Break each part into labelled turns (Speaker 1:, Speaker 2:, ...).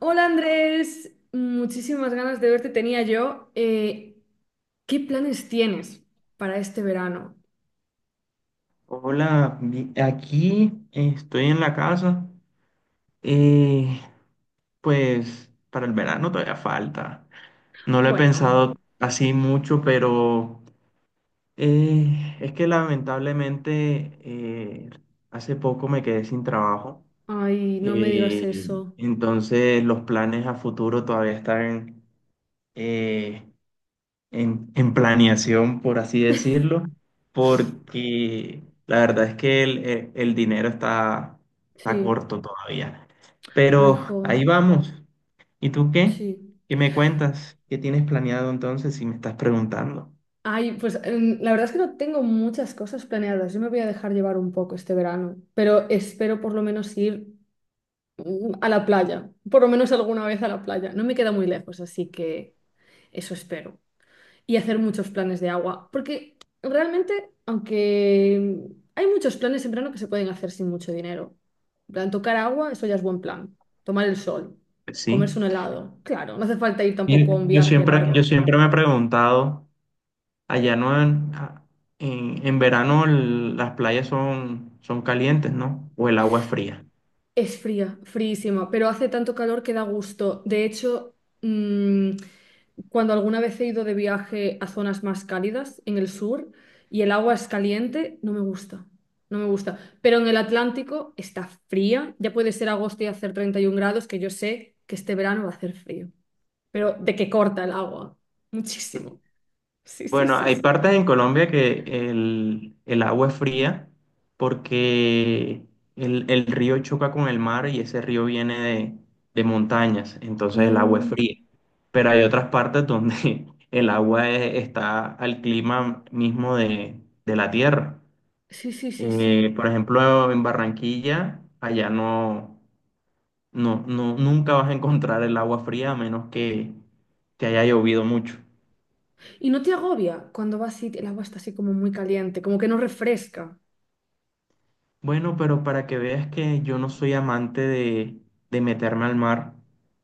Speaker 1: Hola Andrés, muchísimas ganas de verte tenía yo. ¿Qué planes tienes para este verano?
Speaker 2: Hola, aquí estoy en la casa. eh, pues para el verano todavía falta. No lo he
Speaker 1: Bueno,
Speaker 2: pensado así mucho, pero es que lamentablemente, hace poco me quedé sin trabajo.
Speaker 1: ay, no me digas
Speaker 2: eh,
Speaker 1: eso.
Speaker 2: entonces los planes a futuro todavía están, eh, en planeación, por así decirlo, porque la verdad es que el dinero está, está
Speaker 1: Sí,
Speaker 2: corto todavía.
Speaker 1: ay,
Speaker 2: Pero
Speaker 1: jo,
Speaker 2: ahí vamos. ¿Y tú qué?
Speaker 1: sí.
Speaker 2: ¿Qué me cuentas? ¿Qué tienes planeado entonces si me estás preguntando?
Speaker 1: Ay, pues la verdad es que no tengo muchas cosas planeadas. Yo me voy a dejar llevar un poco este verano, pero espero por lo menos ir a la playa, por lo menos alguna vez a la playa. No me queda muy lejos, así que eso espero. Y hacer muchos planes de agua, porque realmente, aunque hay muchos planes en verano que se pueden hacer sin mucho dinero. En plan, tocar agua, eso ya es buen plan. Tomar el sol,
Speaker 2: Pues sí.
Speaker 1: comerse un helado, claro, no hace falta ir
Speaker 2: Y
Speaker 1: tampoco a un
Speaker 2: Yo
Speaker 1: viaje
Speaker 2: siempre, yo
Speaker 1: largo.
Speaker 2: siempre me he preguntado, allá no en, a- en, en verano las playas son, ¿son calientes, no? ¿O el agua es fría?
Speaker 1: Es fría, fríísima, pero hace tanto calor que da gusto. De hecho, mm, cuando alguna vez he ido de viaje a zonas más cálidas en el sur y el agua es caliente, no me gusta. No me gusta. Pero en el Atlántico está fría. Ya puede ser agosto y hacer 31 grados, que yo sé que este verano va a hacer frío. Pero de que corta el agua. Muchísimo. Sí, sí,
Speaker 2: Bueno,
Speaker 1: sí,
Speaker 2: hay
Speaker 1: sí.
Speaker 2: partes en Colombia que el agua es fría porque el río choca con el mar y ese río viene de montañas, entonces el agua es
Speaker 1: Mm,
Speaker 2: fría. Pero hay otras partes donde el está al clima mismo de la tierra.
Speaker 1: sí, sí, sí, sí.
Speaker 2: Por ejemplo, en Barranquilla, allá no, nunca vas a encontrar el agua fría a menos que haya llovido mucho.
Speaker 1: ¿Y no te agobia cuando vas y el agua está así como muy caliente, como que no refresca?
Speaker 2: Bueno, pero para que veas que yo no soy amante de meterme al mar,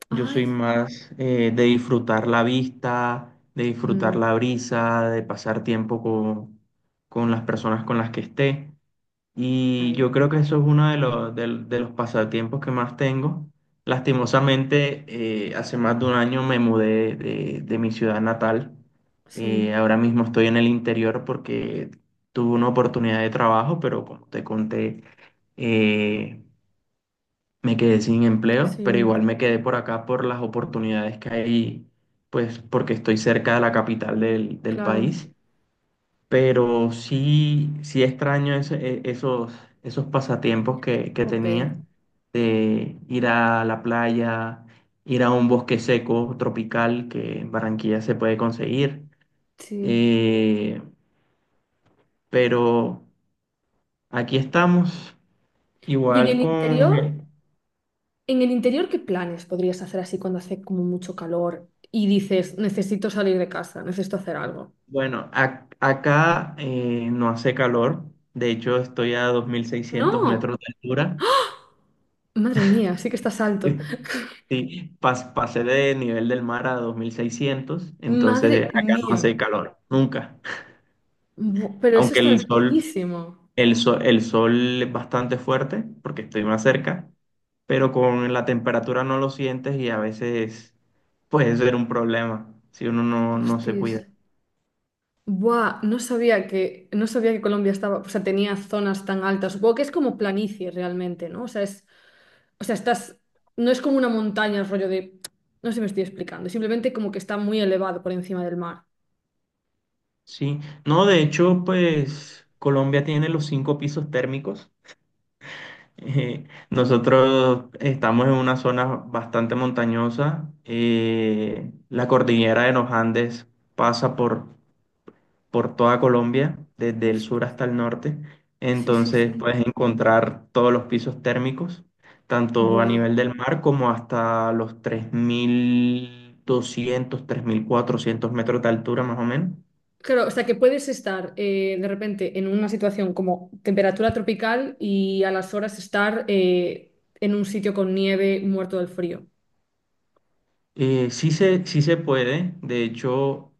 Speaker 2: yo soy
Speaker 1: Ay.
Speaker 2: más de disfrutar la vista, de disfrutar
Speaker 1: Mm,
Speaker 2: la brisa, de pasar tiempo con las personas con las que esté. Y
Speaker 1: ay.
Speaker 2: yo creo que eso es uno de de los pasatiempos que más tengo. Lastimosamente, hace más de un año me mudé de mi ciudad natal.
Speaker 1: Sí,
Speaker 2: Ahora mismo estoy en el interior porque tuve una oportunidad de trabajo, pero como te conté, eh, me quedé sin empleo, pero
Speaker 1: sí,
Speaker 2: igual me quedé por acá por las oportunidades que hay, pues porque estoy cerca de la capital del
Speaker 1: claro.
Speaker 2: país. Pero sí, sí extraño esos pasatiempos que
Speaker 1: Jope.
Speaker 2: tenía de ir a la playa, ir a un bosque seco tropical que en Barranquilla se puede conseguir.
Speaker 1: Sí.
Speaker 2: Eh, pero aquí estamos,
Speaker 1: Y
Speaker 2: igual con,
Speaker 1: en el interior, ¿qué planes podrías hacer así cuando hace como mucho calor y dices, necesito salir de casa, necesito hacer algo?
Speaker 2: bueno, acá, no hace calor, de hecho estoy a 2.600
Speaker 1: No,
Speaker 2: metros de altura.
Speaker 1: madre mía, sí que estás alto.
Speaker 2: Sí, pasé del nivel del mar a 2.600,
Speaker 1: Madre
Speaker 2: entonces acá no
Speaker 1: mía,
Speaker 2: hace calor, nunca.
Speaker 1: Bu- pero eso
Speaker 2: Aunque
Speaker 1: está
Speaker 2: el sol,
Speaker 1: altísimo.
Speaker 2: el sol es bastante fuerte porque estoy más cerca, pero con la temperatura no lo sientes y a veces puede ser un problema si uno no, no se
Speaker 1: Hostis.
Speaker 2: cuida.
Speaker 1: Buah, no sabía que, no sabía que Colombia estaba, o sea, tenía zonas tan altas. Supongo que es como planicie realmente, ¿no? O sea, es, o sea, estás, no es como una montaña, rollo de, no sé si me estoy explicando, simplemente como que está muy elevado por encima del mar.
Speaker 2: Sí, no, de hecho, pues Colombia tiene los cinco pisos térmicos. Nosotros estamos en una zona bastante montañosa. Eh, la cordillera de los Andes pasa por toda Colombia, desde el
Speaker 1: Hostia,
Speaker 2: sur hasta el norte.
Speaker 1: sí, sí,
Speaker 2: Entonces
Speaker 1: sí.
Speaker 2: puedes encontrar todos los pisos térmicos, tanto a
Speaker 1: Buah.
Speaker 2: nivel del mar como hasta los 3.200, 3.400 metros de altura, más o menos.
Speaker 1: Claro, o sea que puedes estar de repente en una situación como temperatura tropical y a las horas estar en un sitio con nieve muerto del frío.
Speaker 2: Sí se puede. De hecho,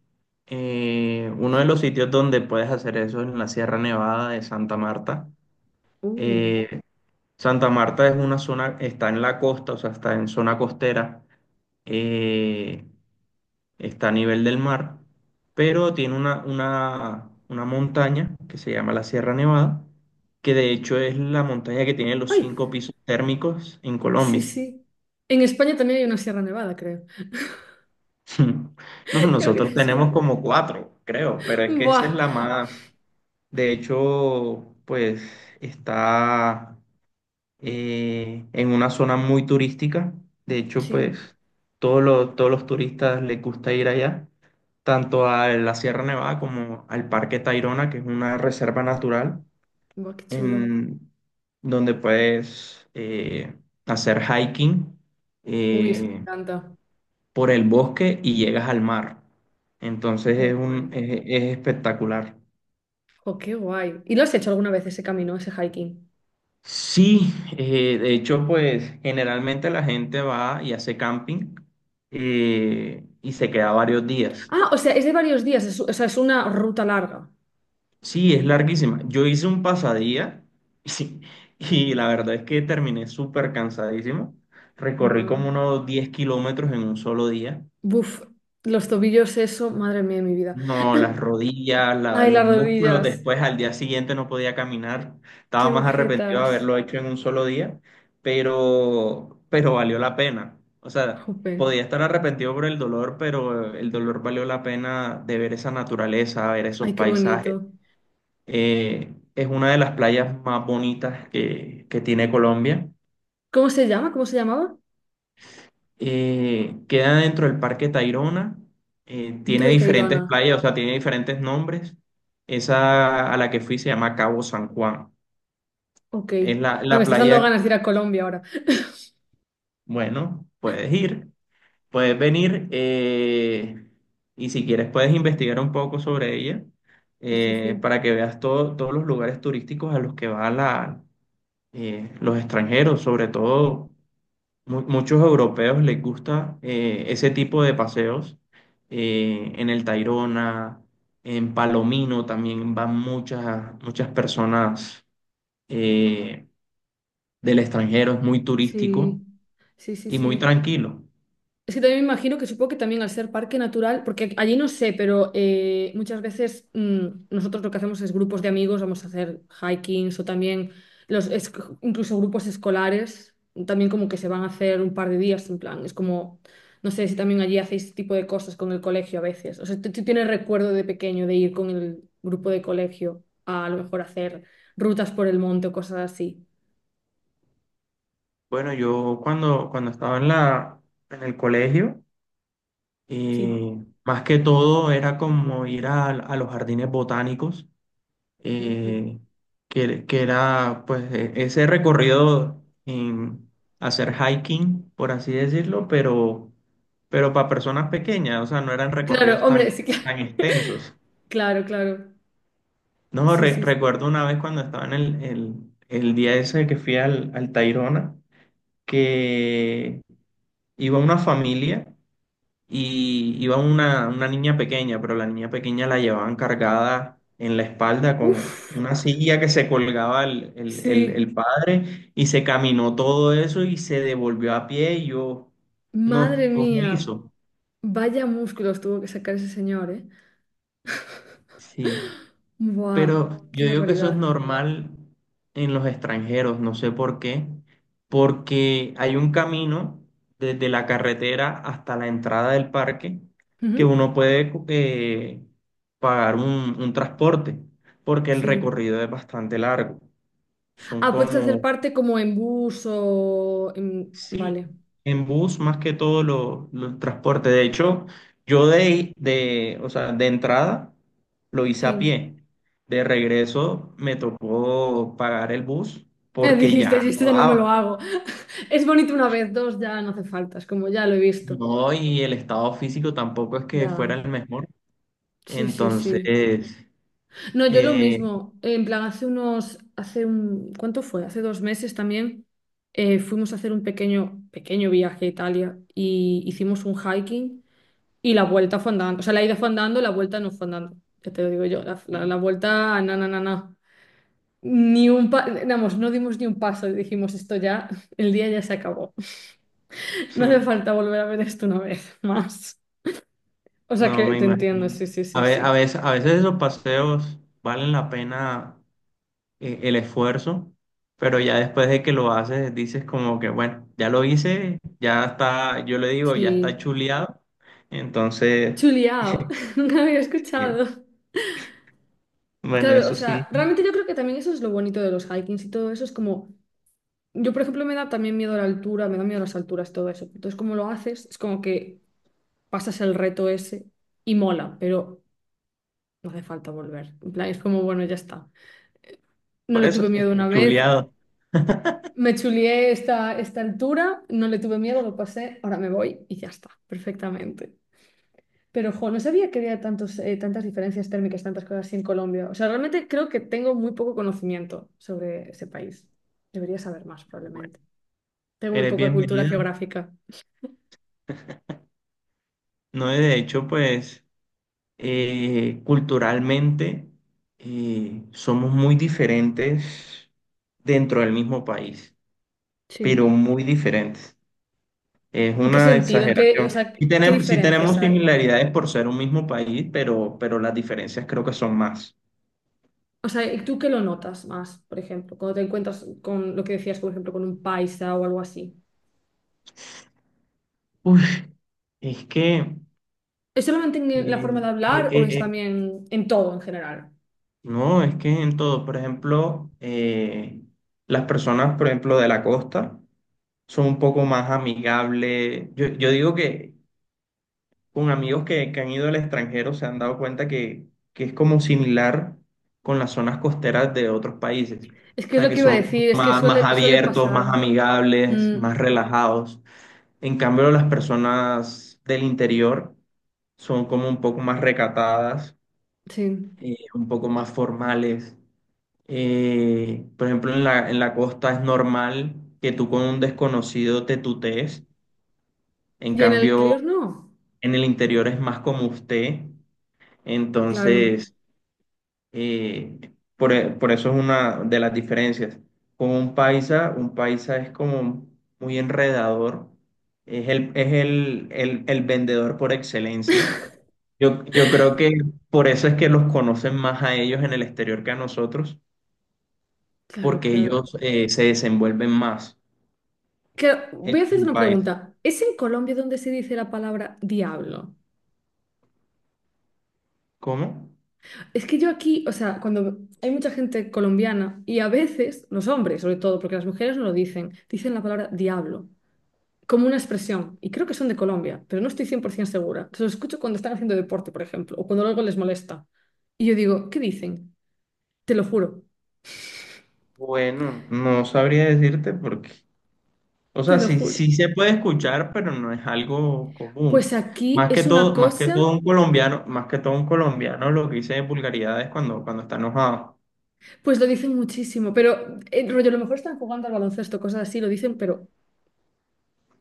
Speaker 2: uno de los sitios donde puedes hacer eso es en la Sierra Nevada de Santa Marta.
Speaker 1: Uh.
Speaker 2: Eh, Santa Marta es una zona, está en la costa, o sea, está en zona costera, eh, está a nivel del mar, pero tiene una montaña que se llama la Sierra Nevada, que de hecho es la montaña que tiene los
Speaker 1: ¡Ay!
Speaker 2: cinco pisos térmicos en
Speaker 1: Sí,
Speaker 2: Colombia.
Speaker 1: sí. En España también hay una Sierra Nevada, creo.
Speaker 2: No,
Speaker 1: Creo que te
Speaker 2: nosotros tenemos
Speaker 1: enseña.
Speaker 2: como cuatro, creo, pero es que esa es
Speaker 1: Buah.
Speaker 2: la más. De hecho, pues está, en una zona muy turística. De hecho,
Speaker 1: Sí,
Speaker 2: pues todos los turistas les gusta ir allá, tanto a la Sierra Nevada como al Parque Tayrona, que es una reserva natural
Speaker 1: buah, qué chulo.
Speaker 2: en donde puedes, hacer hiking.
Speaker 1: Uy, eso me
Speaker 2: Eh,
Speaker 1: encanta.
Speaker 2: por el bosque y llegas al mar. Entonces
Speaker 1: Qué guay.
Speaker 2: es espectacular.
Speaker 1: Oh, qué guay. ¿Y lo has hecho alguna vez ese camino, ese hiking?
Speaker 2: Sí, de hecho, pues generalmente la gente va y hace camping, y se queda varios días.
Speaker 1: Ah, o sea, es de varios días, o sea, es una ruta larga.
Speaker 2: Sí, es larguísima. Yo hice un pasadía y, y la verdad es que terminé súper cansadísimo. Recorrí
Speaker 1: Buah.
Speaker 2: como unos 10 kilómetros en un solo día.
Speaker 1: Buf, los tobillos, eso, madre mía de mi vida.
Speaker 2: No, las rodillas,
Speaker 1: Ay, las
Speaker 2: los músculos,
Speaker 1: rodillas,
Speaker 2: después al día siguiente no podía caminar,
Speaker 1: qué
Speaker 2: estaba más arrepentido de
Speaker 1: agujetas.
Speaker 2: haberlo hecho en un solo día, pero valió la pena. O sea,
Speaker 1: Jope,
Speaker 2: podía estar arrepentido por el dolor, pero el dolor valió la pena de ver esa naturaleza, ver esos
Speaker 1: ay, qué
Speaker 2: paisajes.
Speaker 1: bonito.
Speaker 2: Es una de las playas más bonitas que tiene Colombia.
Speaker 1: ¿Cómo se llama? ¿Cómo se llamaba?
Speaker 2: Queda dentro del Parque Tayrona,
Speaker 1: Dentro
Speaker 2: tiene
Speaker 1: de
Speaker 2: diferentes
Speaker 1: Tayrona.
Speaker 2: playas, o sea, tiene diferentes nombres. Esa a la que fui se llama Cabo San Juan.
Speaker 1: Ok.
Speaker 2: Es
Speaker 1: Bueno, me
Speaker 2: la
Speaker 1: estás dando
Speaker 2: playa,
Speaker 1: ganas de ir a Colombia ahora.
Speaker 2: bueno, puedes ir, puedes venir, y si quieres puedes investigar un poco sobre ella,
Speaker 1: Sí, sí,
Speaker 2: para que veas todos los lugares turísticos a los que van la, los extranjeros, sobre todo muchos europeos les gusta, ese tipo de paseos. Eh, en el Tayrona, en Palomino también van muchas personas, eh, del extranjero. Es muy turístico
Speaker 1: sí, sí, sí,
Speaker 2: y muy
Speaker 1: sí.
Speaker 2: tranquilo.
Speaker 1: Es que también me imagino que supongo que también al ser parque natural, porque allí no sé, pero muchas veces nosotros lo que hacemos es grupos de amigos, vamos a hacer hikings o también los es- incluso grupos escolares, también como que se van a hacer un par de días en plan, es como, no sé si también allí hacéis este tipo de cosas con el colegio a veces. O sea, ¿tú tienes recuerdo de pequeño de ir con el grupo de colegio a lo mejor hacer rutas por el monte o cosas así?
Speaker 2: Bueno, yo cuando estaba en en el colegio,
Speaker 1: Sí.
Speaker 2: más que todo era como ir a los jardines botánicos,
Speaker 1: Mm.
Speaker 2: eh, que era pues ese recorrido en hacer hiking, por así decirlo, pero para personas pequeñas, o sea, no eran
Speaker 1: Claro,
Speaker 2: recorridos
Speaker 1: hombre,
Speaker 2: tan,
Speaker 1: sí que...
Speaker 2: tan extensos.
Speaker 1: Claro, claro.
Speaker 2: No,
Speaker 1: Sí, sí, sí.
Speaker 2: recuerdo una vez cuando estaba en el día ese que fui al, al Tayrona, que iba una familia y iba una niña pequeña, pero la niña pequeña la llevaban cargada en la espalda con
Speaker 1: Uf,
Speaker 2: una silla que se colgaba
Speaker 1: sí,
Speaker 2: el padre y se caminó todo eso y se devolvió a pie y yo,
Speaker 1: madre
Speaker 2: no, ¿cómo
Speaker 1: mía,
Speaker 2: hizo?
Speaker 1: vaya músculos tuvo que sacar ese señor, ¿eh?
Speaker 2: Sí.
Speaker 1: Buah,
Speaker 2: Pero
Speaker 1: qué
Speaker 2: yo digo que eso es
Speaker 1: barbaridad.
Speaker 2: normal en los extranjeros, no sé por qué, porque hay un camino desde la carretera hasta la entrada del parque que
Speaker 1: Ujú,
Speaker 2: uno puede, pagar un transporte, porque el
Speaker 1: sí.
Speaker 2: recorrido es bastante largo. Son
Speaker 1: Ah, puedes hacer
Speaker 2: como
Speaker 1: parte como en bus
Speaker 2: sí,
Speaker 1: Vale,
Speaker 2: en bus más que todo los transportes. De hecho, yo o sea, de entrada lo hice a
Speaker 1: sí.
Speaker 2: pie. De regreso me tocó pagar el bus porque
Speaker 1: Dijiste,
Speaker 2: ya
Speaker 1: yo esto
Speaker 2: no
Speaker 1: ya no me lo
Speaker 2: daba.
Speaker 1: hago. Es bonito una vez, dos ya no hace falta, es como ya lo he visto.
Speaker 2: No, y el estado físico tampoco es que fuera
Speaker 1: Ya.
Speaker 2: el mejor.
Speaker 1: Sí, sí, sí.
Speaker 2: Entonces,
Speaker 1: No, yo lo
Speaker 2: eh,
Speaker 1: mismo. En plan, hace unos, hace un, ¿cuánto fue? Hace dos meses también fuimos a hacer un pequeño, pequeño viaje a Italia y hicimos un hiking y la vuelta fue andando. O sea, la ida fue andando, la vuelta no fue andando. Ya te lo digo yo, la vuelta, na, na, na, na. Ni un pa- vamos, no dimos ni un paso y dijimos esto ya, el día ya se acabó. No hace
Speaker 2: Hmm,
Speaker 1: falta volver a ver esto una vez más. O sea
Speaker 2: no
Speaker 1: que
Speaker 2: me
Speaker 1: te entiendo,
Speaker 2: imagino.
Speaker 1: sí, sí, sí,
Speaker 2: A
Speaker 1: sí.
Speaker 2: veces, a veces esos paseos valen la pena, el esfuerzo, pero ya después de que lo haces, dices como que, bueno, ya lo hice, ya está, yo le digo, ya está
Speaker 1: Sí.
Speaker 2: chuleado. Entonces,
Speaker 1: Chuliao, nunca había
Speaker 2: eh,
Speaker 1: escuchado.
Speaker 2: bueno,
Speaker 1: Claro, o
Speaker 2: eso
Speaker 1: sea,
Speaker 2: sí,
Speaker 1: realmente yo creo que también eso es lo bonito de los hikings y todo eso. Es como, yo por ejemplo me da también miedo a la altura, me da miedo a las alturas, todo eso. Entonces, como lo haces, es como que pasas el reto ese y mola, pero no hace falta volver. En plan, es como, bueno, ya está. No
Speaker 2: por
Speaker 1: le
Speaker 2: eso
Speaker 1: tuve
Speaker 2: está
Speaker 1: miedo una vez,
Speaker 2: chuleado.
Speaker 1: me chulié esta, esta altura, no le tuve miedo, lo pasé, ahora me voy y ya está, perfectamente. Pero, jo, no sabía que había tantos, tantas diferencias térmicas, tantas cosas así en Colombia. O sea, realmente creo que tengo muy poco conocimiento sobre ese país. Debería saber más,
Speaker 2: Bueno,
Speaker 1: probablemente. Tengo muy
Speaker 2: eres
Speaker 1: poca cultura
Speaker 2: bienvenida.
Speaker 1: geográfica.
Speaker 2: No, de hecho, pues, culturalmente, somos muy diferentes dentro del mismo país, pero
Speaker 1: Sí.
Speaker 2: muy diferentes. Es
Speaker 1: ¿En qué
Speaker 2: una
Speaker 1: sentido? ¿En qué, o
Speaker 2: exageración.
Speaker 1: sea,
Speaker 2: Y
Speaker 1: qué
Speaker 2: tenemos, sí
Speaker 1: diferencias
Speaker 2: tenemos
Speaker 1: hay?
Speaker 2: similaridades por ser un mismo país, pero las diferencias creo que son más.
Speaker 1: O sea, ¿y tú qué lo notas más, por ejemplo, cuando te encuentras con lo que decías, por ejemplo, con un paisa o algo así?
Speaker 2: Uy, es que,
Speaker 1: ¿Es solamente en la forma
Speaker 2: eh,
Speaker 1: de
Speaker 2: eh,
Speaker 1: hablar o es
Speaker 2: eh, eh,
Speaker 1: también en todo en general?
Speaker 2: no, es que en todo, por ejemplo, las personas, por ejemplo, de la costa son un poco más amigables. Yo digo que con amigos que han ido al extranjero se han dado cuenta que es como similar con las zonas costeras de otros países.
Speaker 1: Es
Speaker 2: O
Speaker 1: que es
Speaker 2: sea,
Speaker 1: lo
Speaker 2: que
Speaker 1: que iba a
Speaker 2: son como
Speaker 1: decir, es que
Speaker 2: más, más
Speaker 1: suele, suele
Speaker 2: abiertos,
Speaker 1: pasar.
Speaker 2: más amigables,
Speaker 1: Mm,
Speaker 2: más relajados. En cambio, las personas del interior son como un poco más recatadas,
Speaker 1: sí.
Speaker 2: un poco más formales. Por ejemplo, en en la costa es normal que tú con un desconocido te tutees. En
Speaker 1: Y en el
Speaker 2: cambio,
Speaker 1: interior no.
Speaker 2: en el interior es más como usted.
Speaker 1: Claro,
Speaker 2: Entonces, por eso es una de las diferencias. Con un paisa es como muy enredador, es el vendedor por excelencia. Yo creo que por eso es que los conocen más a ellos en el exterior que a nosotros,
Speaker 1: claro,
Speaker 2: porque ellos,
Speaker 1: claro.
Speaker 2: se desenvuelven más.
Speaker 1: Claro, voy
Speaker 2: Es
Speaker 1: a hacerte
Speaker 2: un
Speaker 1: una
Speaker 2: país.
Speaker 1: pregunta. ¿Es en Colombia donde se dice la palabra diablo?
Speaker 2: ¿Cómo?
Speaker 1: Es que yo aquí, o sea, cuando hay mucha gente colombiana y a veces, los hombres sobre todo, porque las mujeres no lo dicen, dicen la palabra diablo como una expresión. Y creo que son de Colombia, pero no estoy 100% segura. Se lo escucho cuando están haciendo deporte, por ejemplo, o cuando algo les molesta. Y yo digo, ¿qué dicen? Te lo juro,
Speaker 2: Bueno, no sabría decirte porque, o
Speaker 1: te
Speaker 2: sea,
Speaker 1: lo
Speaker 2: sí,
Speaker 1: juro.
Speaker 2: sí se puede escuchar, pero no es algo
Speaker 1: Pues
Speaker 2: común.
Speaker 1: aquí es una
Speaker 2: Más que todo
Speaker 1: cosa.
Speaker 2: un colombiano, más que todo un colombiano lo que dice vulgaridades cuando, cuando está enojado.
Speaker 1: Pues lo dicen muchísimo, pero rollo, a lo mejor están jugando al baloncesto, cosas así, lo dicen, pero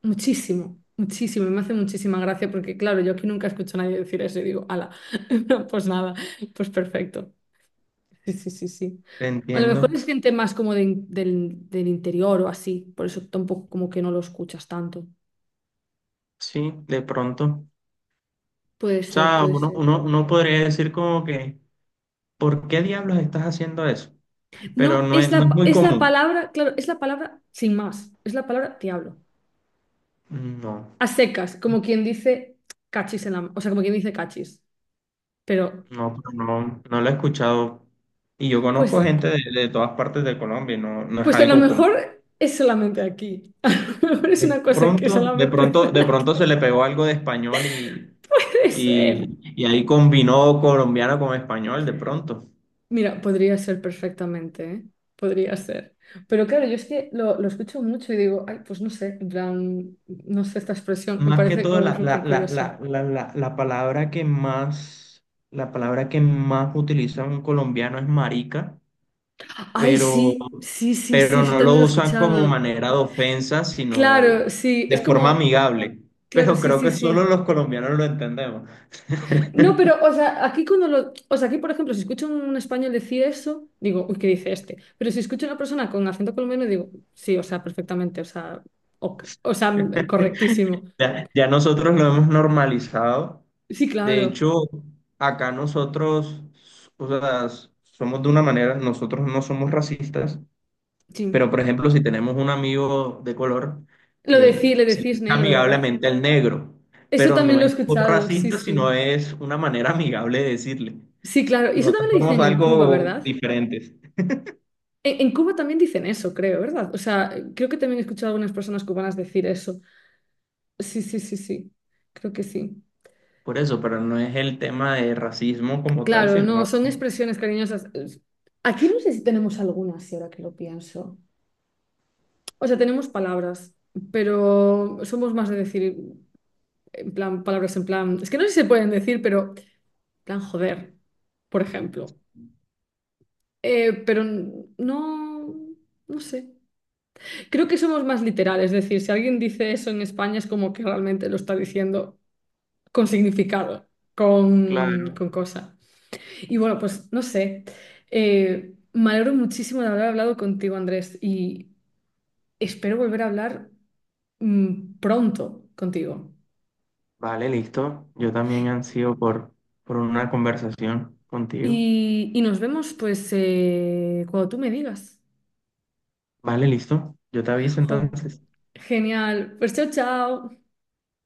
Speaker 1: muchísimo, muchísimo. Y me hace muchísima gracia porque, claro, yo aquí nunca escucho a nadie decir eso y digo, ala, no, pues nada, pues perfecto. Sí, sí, sí, sí.
Speaker 2: Te
Speaker 1: A lo mejor
Speaker 2: entiendo.
Speaker 1: es gente más como de del interior o así, por eso tampoco como que no lo escuchas tanto.
Speaker 2: Sí, de pronto.
Speaker 1: Puede
Speaker 2: O
Speaker 1: ser,
Speaker 2: sea,
Speaker 1: puede ser.
Speaker 2: uno podría decir como que, ¿por qué diablos estás haciendo eso? Pero
Speaker 1: No,
Speaker 2: no
Speaker 1: es
Speaker 2: es, no
Speaker 1: la,
Speaker 2: es muy
Speaker 1: es la
Speaker 2: común.
Speaker 1: palabra, claro, es la palabra sin más, es la palabra diablo.
Speaker 2: No,
Speaker 1: A secas, como quien dice cachis en la... O sea, como quien dice cachis. Pero
Speaker 2: no, pero no, no lo he escuchado. Y yo
Speaker 1: pues,
Speaker 2: conozco gente de todas partes de Colombia y no, no es
Speaker 1: pues a lo
Speaker 2: algo común.
Speaker 1: mejor es solamente aquí. A lo mejor es una cosa que solamente ven
Speaker 2: De
Speaker 1: aquí.
Speaker 2: pronto se le pegó algo de español y,
Speaker 1: Puede
Speaker 2: y,
Speaker 1: ser.
Speaker 2: y ahí combinó colombiano con español, de pronto.
Speaker 1: Mira, podría ser perfectamente, ¿eh? Podría ser. Pero claro, yo es que lo escucho mucho y digo, ay, pues no sé, en plan, no sé esta expresión, me
Speaker 2: Más que
Speaker 1: parece
Speaker 2: todo,
Speaker 1: como
Speaker 2: la, la,
Speaker 1: súper
Speaker 2: la,
Speaker 1: curiosa.
Speaker 2: la, la, la, la palabra que más, la palabra que más utiliza un colombiano es marica,
Speaker 1: Ay,
Speaker 2: pero,
Speaker 1: sí, sí, sí, sí,
Speaker 2: pero
Speaker 1: eso
Speaker 2: no
Speaker 1: también
Speaker 2: lo
Speaker 1: lo he
Speaker 2: usan como
Speaker 1: escuchado.
Speaker 2: manera de ofensa,
Speaker 1: Claro,
Speaker 2: sino
Speaker 1: sí,
Speaker 2: de
Speaker 1: es
Speaker 2: forma
Speaker 1: como,
Speaker 2: amigable.
Speaker 1: claro,
Speaker 2: Pero
Speaker 1: sí,
Speaker 2: creo
Speaker 1: sí,
Speaker 2: que solo los
Speaker 1: sí.
Speaker 2: colombianos lo entendemos.
Speaker 1: No, pero, o sea, aquí cuando lo, o sea, aquí por ejemplo, si escucho un español decir eso, digo, uy, ¿qué dice este? Pero si escucho a una persona con acento colombiano, digo, sí, o sea, perfectamente, o sea, ok, o sea, correctísimo.
Speaker 2: Ya nosotros lo hemos normalizado.
Speaker 1: Sí,
Speaker 2: De
Speaker 1: claro,
Speaker 2: hecho, acá nosotros, o sea, somos de una manera, nosotros no somos racistas, pero
Speaker 1: sí.
Speaker 2: por ejemplo, si tenemos un amigo de color,
Speaker 1: Lo de le
Speaker 2: se le
Speaker 1: decís
Speaker 2: dice
Speaker 1: negro, ¿verdad?
Speaker 2: amigablemente al negro,
Speaker 1: Eso
Speaker 2: pero
Speaker 1: también
Speaker 2: no
Speaker 1: lo he
Speaker 2: es por
Speaker 1: escuchado, sí,
Speaker 2: racista, sino
Speaker 1: sí.
Speaker 2: es una manera amigable de decirle.
Speaker 1: Sí, claro, y eso
Speaker 2: Nosotros
Speaker 1: también lo
Speaker 2: somos
Speaker 1: dicen en Cuba,
Speaker 2: algo
Speaker 1: ¿verdad?
Speaker 2: diferentes.
Speaker 1: En Cuba también dicen eso, creo, ¿verdad? O sea, creo que también he escuchado a algunas personas cubanas decir eso. Sí, sí, sí, sí, creo que sí.
Speaker 2: Por eso, pero no es el tema de racismo como tal,
Speaker 1: Claro, no,
Speaker 2: sino...
Speaker 1: son expresiones cariñosas. Es- Aquí no sé si tenemos alguna, si ahora que lo pienso. O sea, tenemos palabras, pero somos más de decir, en plan, palabras en plan, es que no sé si se pueden decir, pero, en plan, joder, por ejemplo. Pero no, no sé. Creo que somos más literales, es decir, si alguien dice eso en España es como que realmente lo está diciendo con significado,
Speaker 2: Claro,
Speaker 1: con cosa. Y bueno, pues no sé. Me alegro muchísimo de haber hablado contigo, Andrés, y espero volver a hablar pronto contigo.
Speaker 2: vale, listo. Yo también ansío por una conversación contigo.
Speaker 1: Y nos vemos, pues, cuando tú me digas.
Speaker 2: Vale, listo. Yo te aviso
Speaker 1: Jo,
Speaker 2: entonces.
Speaker 1: genial. Pues chao, chao.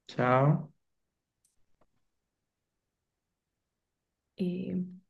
Speaker 2: Chao.
Speaker 1: Y